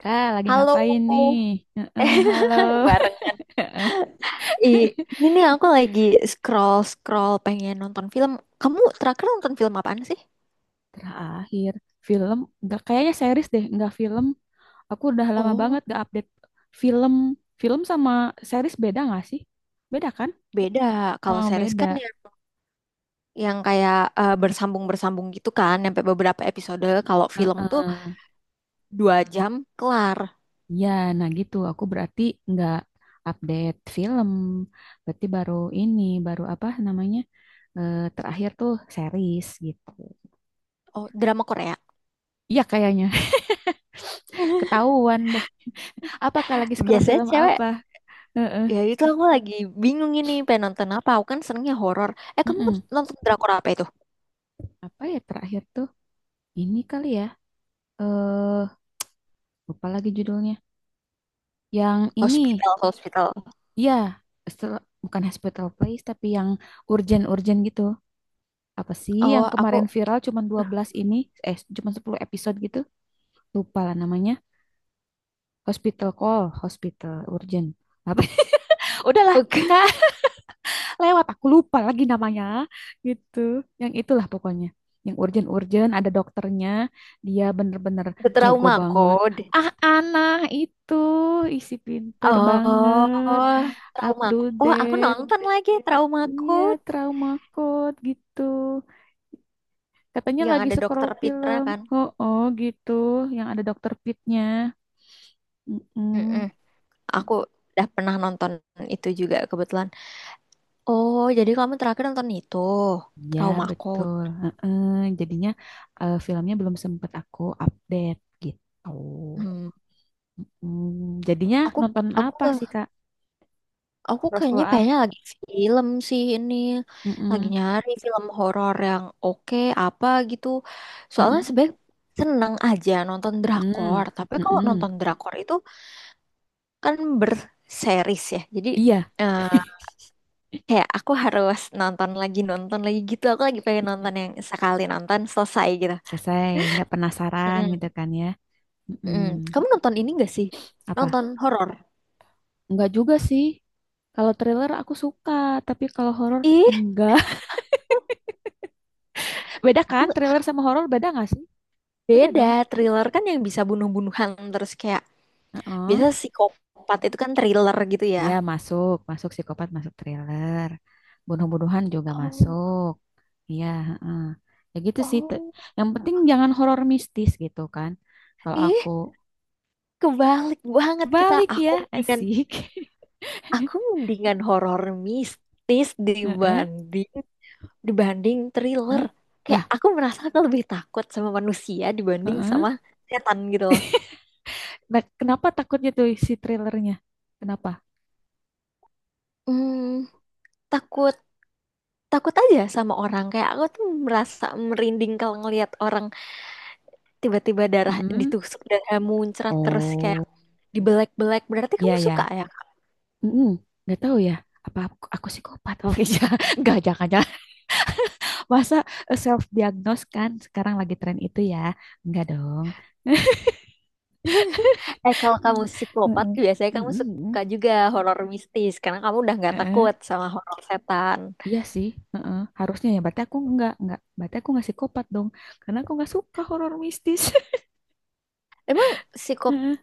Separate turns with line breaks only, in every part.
Kak, lagi
Halo.
ngapain nih? Heeh,
Eh,
halo.
barengan.
Heeh.
Ini nih aku lagi scroll scroll pengen nonton film. Kamu terakhir nonton film apaan sih?
Terakhir film, nggak kayaknya series deh, nggak film. Aku udah lama
Oh,
banget gak update film. Film sama series beda nggak sih? Beda kan?
beda. Kalau
Oh,
series
beda.
kan yang kayak bersambung-bersambung gitu kan, sampai beberapa episode. Kalau film tuh
Heeh.
2 jam kelar.
Ya, nah gitu. Aku berarti nggak update film. Berarti baru ini, baru apa namanya? Terakhir tuh series gitu.
Oh, drama Korea.
Iya kayaknya. Ketahuan deh. Apakah lagi scroll
Biasanya
film
cewek.
apa? Heeh.
Ya itu aku lagi bingung ini pengen nonton apa. Aku kan senengnya horor. Eh, kamu
Mm-mm.
nonton drakor apa itu?
Apa ya terakhir tuh, ini kali ya, eh lupa lagi judulnya yang ini,
Hospital, hospital.
ya, bukan Hospital Playlist, tapi yang urgent-urgent gitu. Apa sih yang
Oh,
kemarin
aku
viral, cuman 12 ini, cuman 10 episode gitu. Lupa lah namanya, Hospital Call, Hospital Urgent apa. Udahlah,
oke.
Kak, lewat, aku lupa lagi namanya gitu. Yang itulah pokoknya, yang urgent-urgent, ada dokternya, dia bener-bener
Ke
jago
Trauma
banget.
code.
Ah, Ana itu isi pinter
Oh,
banget.
trauma. Oh, aku
Update,
nonton lagi trauma
iya,
code
trauma code gitu, katanya
yang
lagi
ada
scroll
dokter Pitra
film.
kan.
Oh, oh gitu, yang ada dokter Pitnya. Mm.
Mm-mm. Aku udah pernah nonton itu juga kebetulan. Oh, jadi kamu terakhir nonton itu
Iya
trauma code.
betul. Heeh. Jadinya, filmnya belum sempat aku update gitu.
Hmm.
Hmm, jadinya
Aku
nonton
aku
apa sih, Kak?
aku
Bioskop
kayaknya banyak
apa?
lagi film sih ini. Lagi
Mm-mm,
nyari film horor yang oke apa gitu. Soalnya
mm-mm,
sebenernya seneng aja nonton drakor,
mm-mm,
tapi kalau
mm-mm.
nonton drakor itu kan berseries ya. Jadi
Iya,
eh, kayak aku harus nonton lagi gitu. Aku lagi pengen
iya.
nonton yang sekali nonton selesai gitu.
Selesai. Nggak penasaran gitu
Mm-mm.
kan ya? Mm-mm.
Mm. Kamu nonton ini gak sih?
Apa?
Nonton horor?
Nggak juga sih. Kalau thriller aku suka, tapi kalau horor
Ih,
enggak. Beda
aku
kan? Thriller sama horor beda nggak sih? Beda
beda.
dong.
Thriller kan yang bisa bunuh-bunuhan terus kayak
Heeh.
biasa psikopat itu kan thriller gitu ya.
Iya masuk, masuk psikopat masuk thriller. Bunuh-bunuhan juga
Oh,
masuk. Iya, heeh. Ya gitu sih. Te-
oh,
yang penting jangan horor mistis gitu kan. Kalau
ih,
aku
kebalik banget kita.
balik
Aku
ya,
mendingan,
asik.
aku mendingan horor mistis
Heeh,
dibanding dibanding thriller.
heeh.
Kayak
Lah,
aku merasa aku lebih takut sama manusia dibanding
heeh.
sama setan gitu loh.
Nah, kenapa takutnya tuh si thrillernya? Kenapa?
Hmm, takut takut aja sama orang kayak aku tuh merasa merinding kalau ngelihat orang tiba-tiba darah
Mm-mm.
ditusuk darah muncrat terus kayak
Oh,
dibelek-belek. Berarti
iya
kamu
ya.
suka, ya?
Mm-mm. Nggak tahu ya. Apa aku psikopat? Oh iya, nggak jangan-jangan. Masa self diagnose kan sekarang lagi tren itu ya? Enggak dong.
Kalau kamu psikopat
Mm-mm.
biasanya kamu
Mm-mm.
suka juga horor mistis karena kamu udah nggak
Heeh.
takut sama horor setan.
Iya sih, heeh. Harusnya ya. Berarti aku nggak, nggak. Berarti aku ngasih kopat dong. Karena aku nggak suka horor mistis.
Emang psikop
Heeh.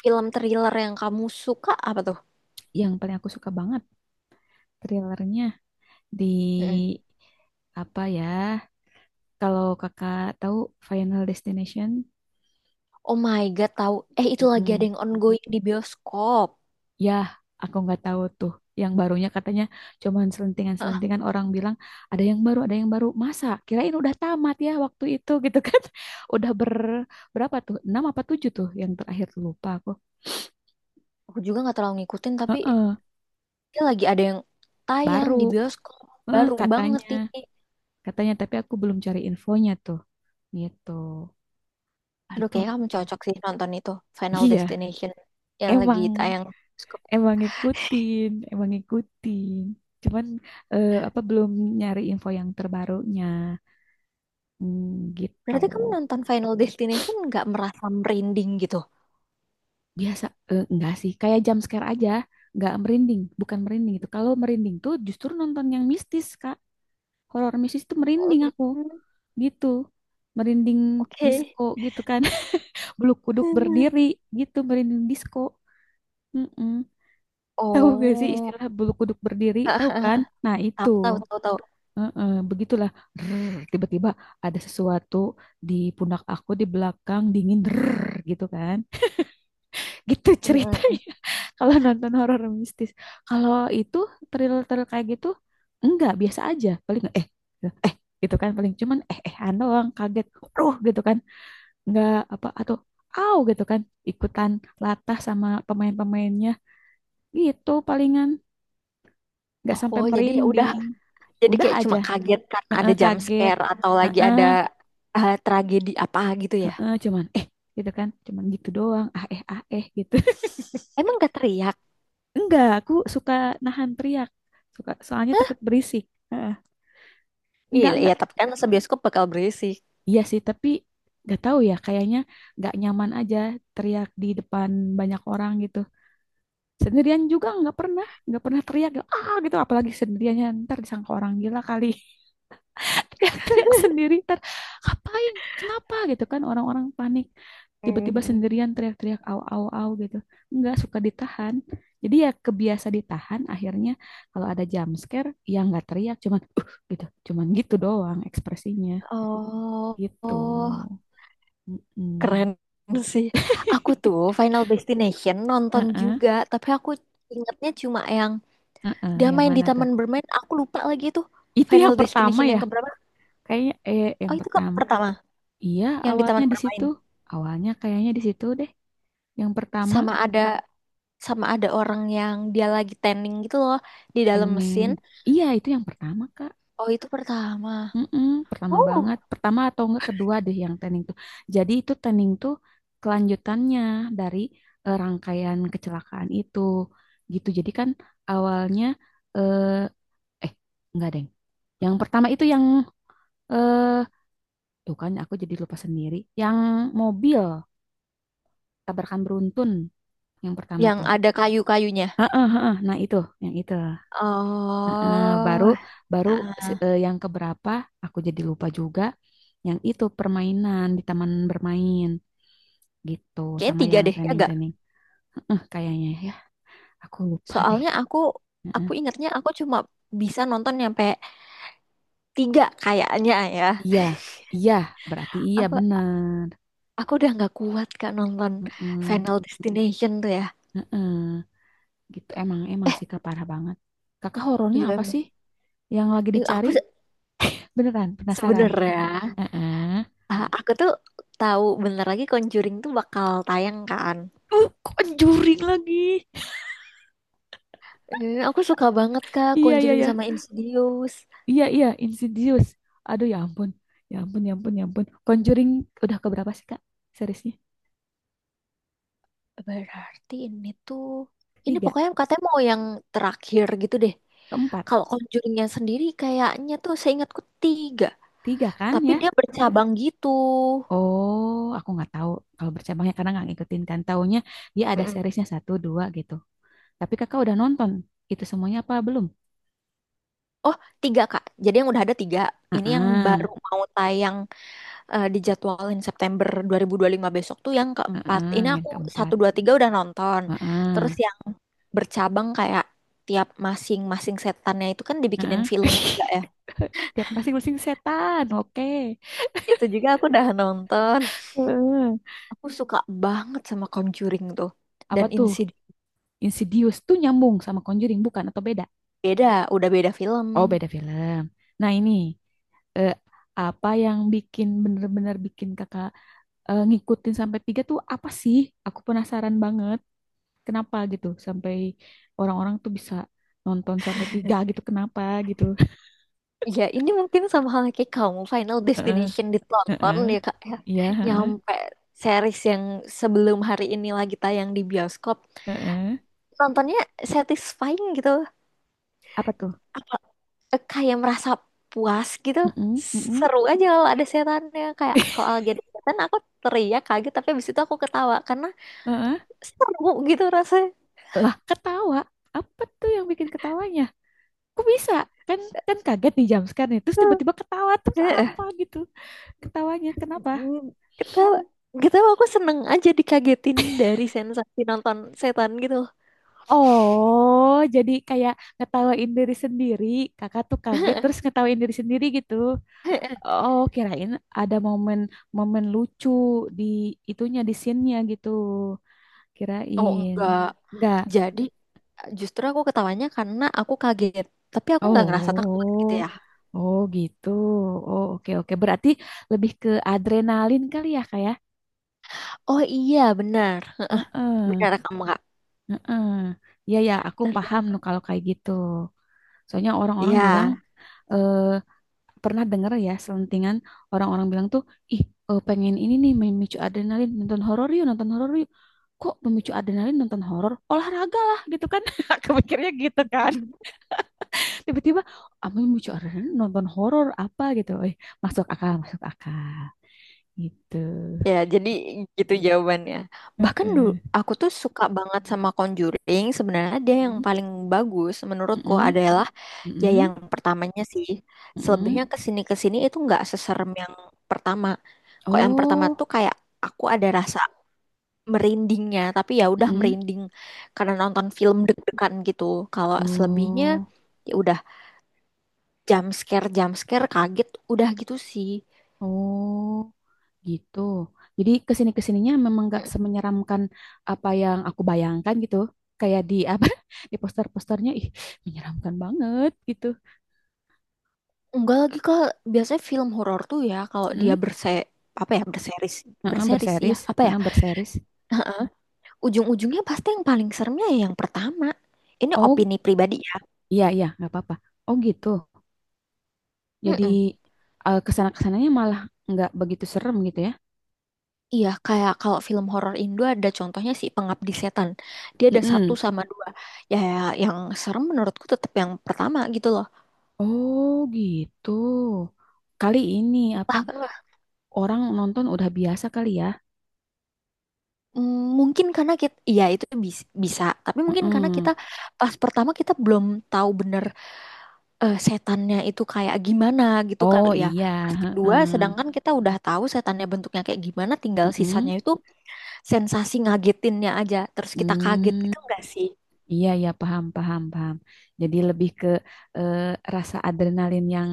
film thriller yang kamu suka apa tuh?
Yang paling aku suka banget thrillernya di
Mm.
apa ya? Kalau kakak tahu Final Destination,
Oh my God, tahu. Eh, itu lagi ada
mm-mm,
yang ongoing di bioskop.
ya aku nggak tahu tuh. Yang barunya katanya, cuman
Hah,
selentingan-selentingan orang bilang ada yang baru, ada yang baru. Masa? Kirain udah tamat ya waktu itu gitu kan? Udah berapa tuh? 6 apa 7 tuh yang terakhir, lupa aku.
aku juga nggak terlalu ngikutin, tapi
Heeh,
dia lagi ada yang tayang
baru.
di bioskop.
Eh,
Baru banget
katanya,
ini.
katanya, tapi aku belum cari infonya tuh, gitu,
Aduh,
gitu.
kayaknya kamu cocok sih nonton itu. Final
Iya,
Destination yang lagi
emang,
tayang di bioskop.
emang ngikutin. Cuman apa belum nyari info yang terbarunya, hmm, gitu.
Berarti kamu nonton Final Destination nggak merasa merinding gitu?
Biasa, enggak sih, kayak jump scare aja, nggak merinding, bukan merinding itu. Kalau merinding tuh justru nonton yang mistis, Kak. Horor mistis tuh merinding aku,
Mm.
gitu. Merinding
Oke.
disco gitu kan, bulu kuduk berdiri gitu, merinding disco. Mm-mm. Tahu gak sih
Oh,
istilah bulu kuduk berdiri? Tahu kan? Nah, itu.
tahu tahu tahu tahu.
Heeh, begitulah. Tiba-tiba ada sesuatu di pundak aku, di belakang dingin, drrrr, gitu kan. Gitu
Mm, mm, mm.
ceritanya. Kalau nonton horor mistis. Kalau itu thriller-thriller kayak gitu enggak, biasa aja. Paling eh gitu kan, paling cuman doang kaget. Aduh gitu kan. Enggak apa atau au gitu kan. Ikutan latah sama pemain-pemainnya. Gitu palingan. Nggak sampai
Oh, jadi ya udah.
merinding.
Jadi
Udah
kayak cuma
aja.
kaget kan ada
Heeh,
jump
kaget.
scare atau lagi ada
Heeh,
tragedi apa gitu ya.
heeh, cuman gitu kan, cuman gitu doang, ah eh gitu.
Emang gak teriak?
Enggak, aku suka nahan teriak, suka, soalnya takut berisik. Heeh.
Iya,
enggak
iya,
enggak
tapi kan sebioskop bakal berisik.
iya sih. Tapi nggak tahu ya, kayaknya nggak nyaman aja teriak di depan banyak orang gitu. Sendirian juga nggak pernah teriak ah gitu, apalagi sendiriannya ntar disangka orang gila kali. Teriak-teriak sendiri ntar ngapain, kenapa gitu kan, orang-orang panik tiba-tiba
Mhm.
sendirian teriak-teriak au au au gitu. Nggak suka, ditahan. Jadi ya kebiasa ditahan akhirnya, kalau ada jump scare ya nggak teriak, cuman gitu, cuman gitu doang ekspresinya
Oh,
gitu.
oh, keren
Mm-mm.
sih. Aku tuh Final Destination nonton
Heeh,
juga, tapi aku ingatnya cuma yang
heeh,
dia
yang
main di
mana tuh?
taman bermain. Aku lupa lagi itu
Itu
Final
yang pertama
Destination yang
ya,
keberapa?
kayaknya
Oh,
yang
itu ke
pertama.
pertama
Iya,
yang di
awalnya
taman
di
bermain.
situ. Awalnya kayaknya di situ deh. Yang pertama.
Sama ada sama ada orang yang dia lagi tanning gitu loh di dalam
Tanning.
mesin.
Iya, itu yang pertama, Kak.
Oh, itu pertama.
Mm-mm, pertama
Oh,
banget. Pertama atau enggak kedua deh yang tanning tuh. Jadi itu tanning tuh kelanjutannya dari rangkaian kecelakaan itu. Gitu. Jadi kan awalnya eh eh enggak, Deng. Yang pertama itu yang eh tuh kan aku jadi lupa sendiri. Yang mobil tabrakan beruntun yang pertama
yang
tuh.
ada kayu-kayunya.
Heeh, nah itu, yang itu. Heeh, baru
Oh,
baru
ah,
si- eh, yang keberapa aku jadi lupa juga, yang itu permainan di taman bermain gitu,
kayaknya
sama
tiga
yang
deh, ya gak?
tending-tending. Heeh, kayaknya ya, aku lupa deh.
Soalnya aku,
Heeh.
aku ingatnya aku cuma bisa nonton nyampe tiga kayaknya ya.
Iya, iya, berarti iya
Aku,
benar.
aku udah nggak kuat kak nonton
Heeh,
Final Destination tuh ya.
heeh. Gitu emang, emang
Eh,
sih Kak, parah banget. Kakak horornya
iya
apa
emang.
sih yang lagi
Ih, aku
dicari? Beneran penasaran.
sebenernya,
Heeh.
aku tuh tahu bentar lagi Conjuring tuh bakal tayang kan.
Kok juring lagi.
Eh, aku suka banget kak
Iya iya
Conjuring
iya.
sama Insidious.
Iya, iya, Insidious. Aduh, ya ampun. Ya ampun, ya ampun, ya ampun. Conjuring udah keberapa sih, Kak? Seriesnya?
Berarti ini tuh, ini
3.
pokoknya katanya mau yang terakhir gitu deh.
Ke-4.
Kalau Conjuringnya sendiri kayaknya tuh seingatku tiga,
3 kan
tapi
ya?
dia bercabang gitu.
Oh, aku nggak tahu kalau bercabangnya, karena nggak ngikutin kan. Taunya dia ada
Mm-mm.
seriesnya, satu, dua gitu. Tapi kakak udah nonton itu semuanya apa belum?
Oh, tiga Kak. Jadi yang udah ada tiga. Ini yang baru
Ah,
mau tayang, dijadwalin September 2025 besok tuh yang keempat. Ini
yang
aku satu
ke-4.
dua tiga udah nonton. Terus
Ah,
yang bercabang kayak tiap masing-masing setannya itu kan dibikinin
ah,
film juga ya.
Tiap pasing-pasing setan. Oke.
Itu juga aku udah nonton.
Heeh.
Aku suka banget sama Conjuring tuh.
Apa
Dan
tuh?
Insidious
Insidious tuh nyambung sama Conjuring bukan atau beda?
beda, udah beda film.
Oh, beda film. Nah, ini eh, apa yang bikin bener-bener bikin kakak ngikutin sampai 3 tuh apa sih? Aku penasaran banget. Kenapa gitu? Sampai orang-orang tuh bisa nonton sampai 3 gitu. Kenapa gitu?
Ya, ini mungkin sama hal kayak kamu Final
Heeh,
Destination ditonton
heeh.
ya Kak ya.
Iya, heeh,
Nyampe series yang sebelum hari ini lagi tayang di bioskop.
heeh.
Nontonnya satisfying gitu.
Apa tuh?
Apa kayak merasa puas gitu.
Heeh, heeh,
Seru aja kalau ada setannya kayak kalau lagi ada setan aku teriak kaget tapi habis itu aku ketawa karena
heeh.
seru gitu rasanya.
Lah, ketawa. Apa tuh yang bikin ketawanya? Kok bisa? Kan kan kaget nih jam nih. Terus tiba-tiba ketawa. Terus apa gitu? Ketawanya kenapa?
Mm, kita kita aku seneng aja dikagetin dari sensasi nonton setan gitu.
Oh, jadi kayak ngetawain diri sendiri. Kakak tuh kaget terus ngetawain diri sendiri gitu. Oh, kirain ada momen-momen lucu di itunya, di scene-nya gitu.
Oh
Kirain.
enggak.
Enggak.
Jadi justru aku ketawanya karena aku kaget. Tapi aku nggak ngerasa takut gitu
Oh,
ya.
oh gitu. Oh, oke oke. Berarti lebih ke adrenalin kali ya kayak.
Oh iya benar.
Heeh,
Benar kamu kak?
heeh. Ya ya, aku paham
Benar.
nu kalau kayak gitu. Soalnya orang-orang
Iya.
bilang eh, pernah denger ya selentingan orang-orang bilang tuh ih, pengen ini nih memicu adrenalin, nonton horor yuk, nonton horor yuk. Kok memicu adrenalin nonton horor, olahraga lah gitu kan. Aku mikirnya gitu kan, tiba-tiba ah, memicu adrenalin nonton horor apa gitu, masuk akal, masuk akal gitu.
Ya, jadi gitu jawabannya. Bahkan dulu
Heeh.
aku tuh suka banget sama Conjuring. Sebenarnya dia yang
Mm,
paling bagus menurutku
mm-mm,
adalah ya
mm-mm,
yang pertamanya sih,
mm-mm.
selebihnya kesini kesini itu nggak seserem yang pertama. Kok yang pertama
Oh,
tuh kayak aku ada rasa merindingnya, tapi ya udah
mm-mm.
merinding karena nonton film deg-degan gitu. Kalau selebihnya
Oh,
ya udah jump scare kaget udah gitu sih.
oh gitu. Jadi kesini-kesininya memang nggak
Mm.
semenyeramkan apa yang aku bayangkan gitu. Kayak di apa di poster-posternya ih menyeramkan banget gitu.
Enggak lagi kak, biasanya film horor tuh ya kalau dia
Hmm,
apa ya berseris
heeh,
berseris ya
berseris,
apa ya
heeh, berseris.
ujung-ujungnya pasti yang paling seremnya ya yang pertama. Ini
Oh
opini pribadi ya.
iya iya nggak apa-apa. Oh gitu.
Mm-mm.
Jadi kesana-kesananya malah nggak begitu serem gitu ya.
Iya, kayak kalau film horor Indo ada contohnya si Pengabdi Setan. Dia ada satu
Mm-mm.
sama dua. Ya, ya, yang serem menurutku tetap yang pertama gitu loh.
Oh gitu. Kali ini apa,
Entah kenapa.
orang nonton udah biasa kali ya.
Mungkin karena kita, iya itu bisa. Tapi mungkin karena
Mm-mm.
kita pas pertama kita belum tahu bener setannya itu kayak gimana gitu
Oh
kali ya.
iya.
Pas kedua,
Heeh.
sedangkan kita udah tahu setannya bentuknya kayak gimana, tinggal
Mm-mm.
sisanya itu sensasi ngagetinnya aja. Terus kita kaget
Hmm.
gitu enggak sih?
Iya, ya paham, paham, paham. Jadi lebih ke eh, rasa adrenalin yang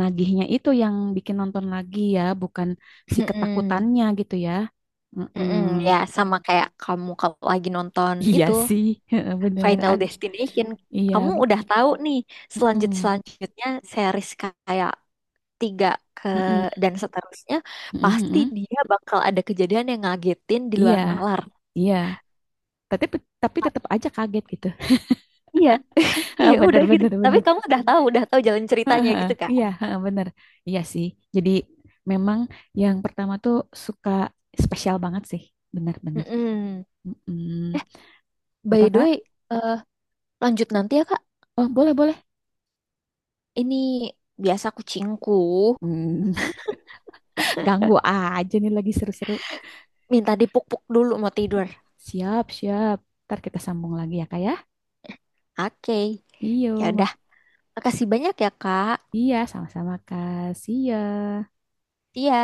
nagihnya itu yang bikin nonton lagi ya, bukan si
Mm-mm.
ketakutannya gitu ya.
Mm-mm, ya
Mm-mm.
sama kayak kamu kalau lagi nonton
Iya
itu
sih, bener.
Final
Ad-
Destination,
iya,
kamu udah tahu nih
mm-mm.
selanjutnya series kayak tiga ke
Mm-mm.
dan seterusnya
Mm-mm,
pasti
mm-mm.
dia bakal ada kejadian yang ngagetin di
Iya,
luar nalar.
iya. Tapi tapi tetap aja kaget gitu.
Iya, iya udah
Bener,
gitu.
bener,
Tapi
bener.
kamu udah tahu jalan ceritanya gitu
Iya,
kan?
bener. Iya sih. Jadi memang yang pertama tuh suka spesial banget sih, benar-benar.
Mm-mm.
Apa,
By the way,
Kak?
eh, lanjut nanti ya Kak.
Oh, boleh, boleh.
Ini biasa kucingku
Hmm, ganggu aja nih lagi seru-seru.
minta dipuk-puk dulu mau tidur.
Siap, siap. Ntar kita sambung lagi ya, Kak ya.
Oke,
Iyo,
ya
mak-
udah. Makasih banyak ya, Kak.
iya, sama-sama, Kak. See ya.
Iya.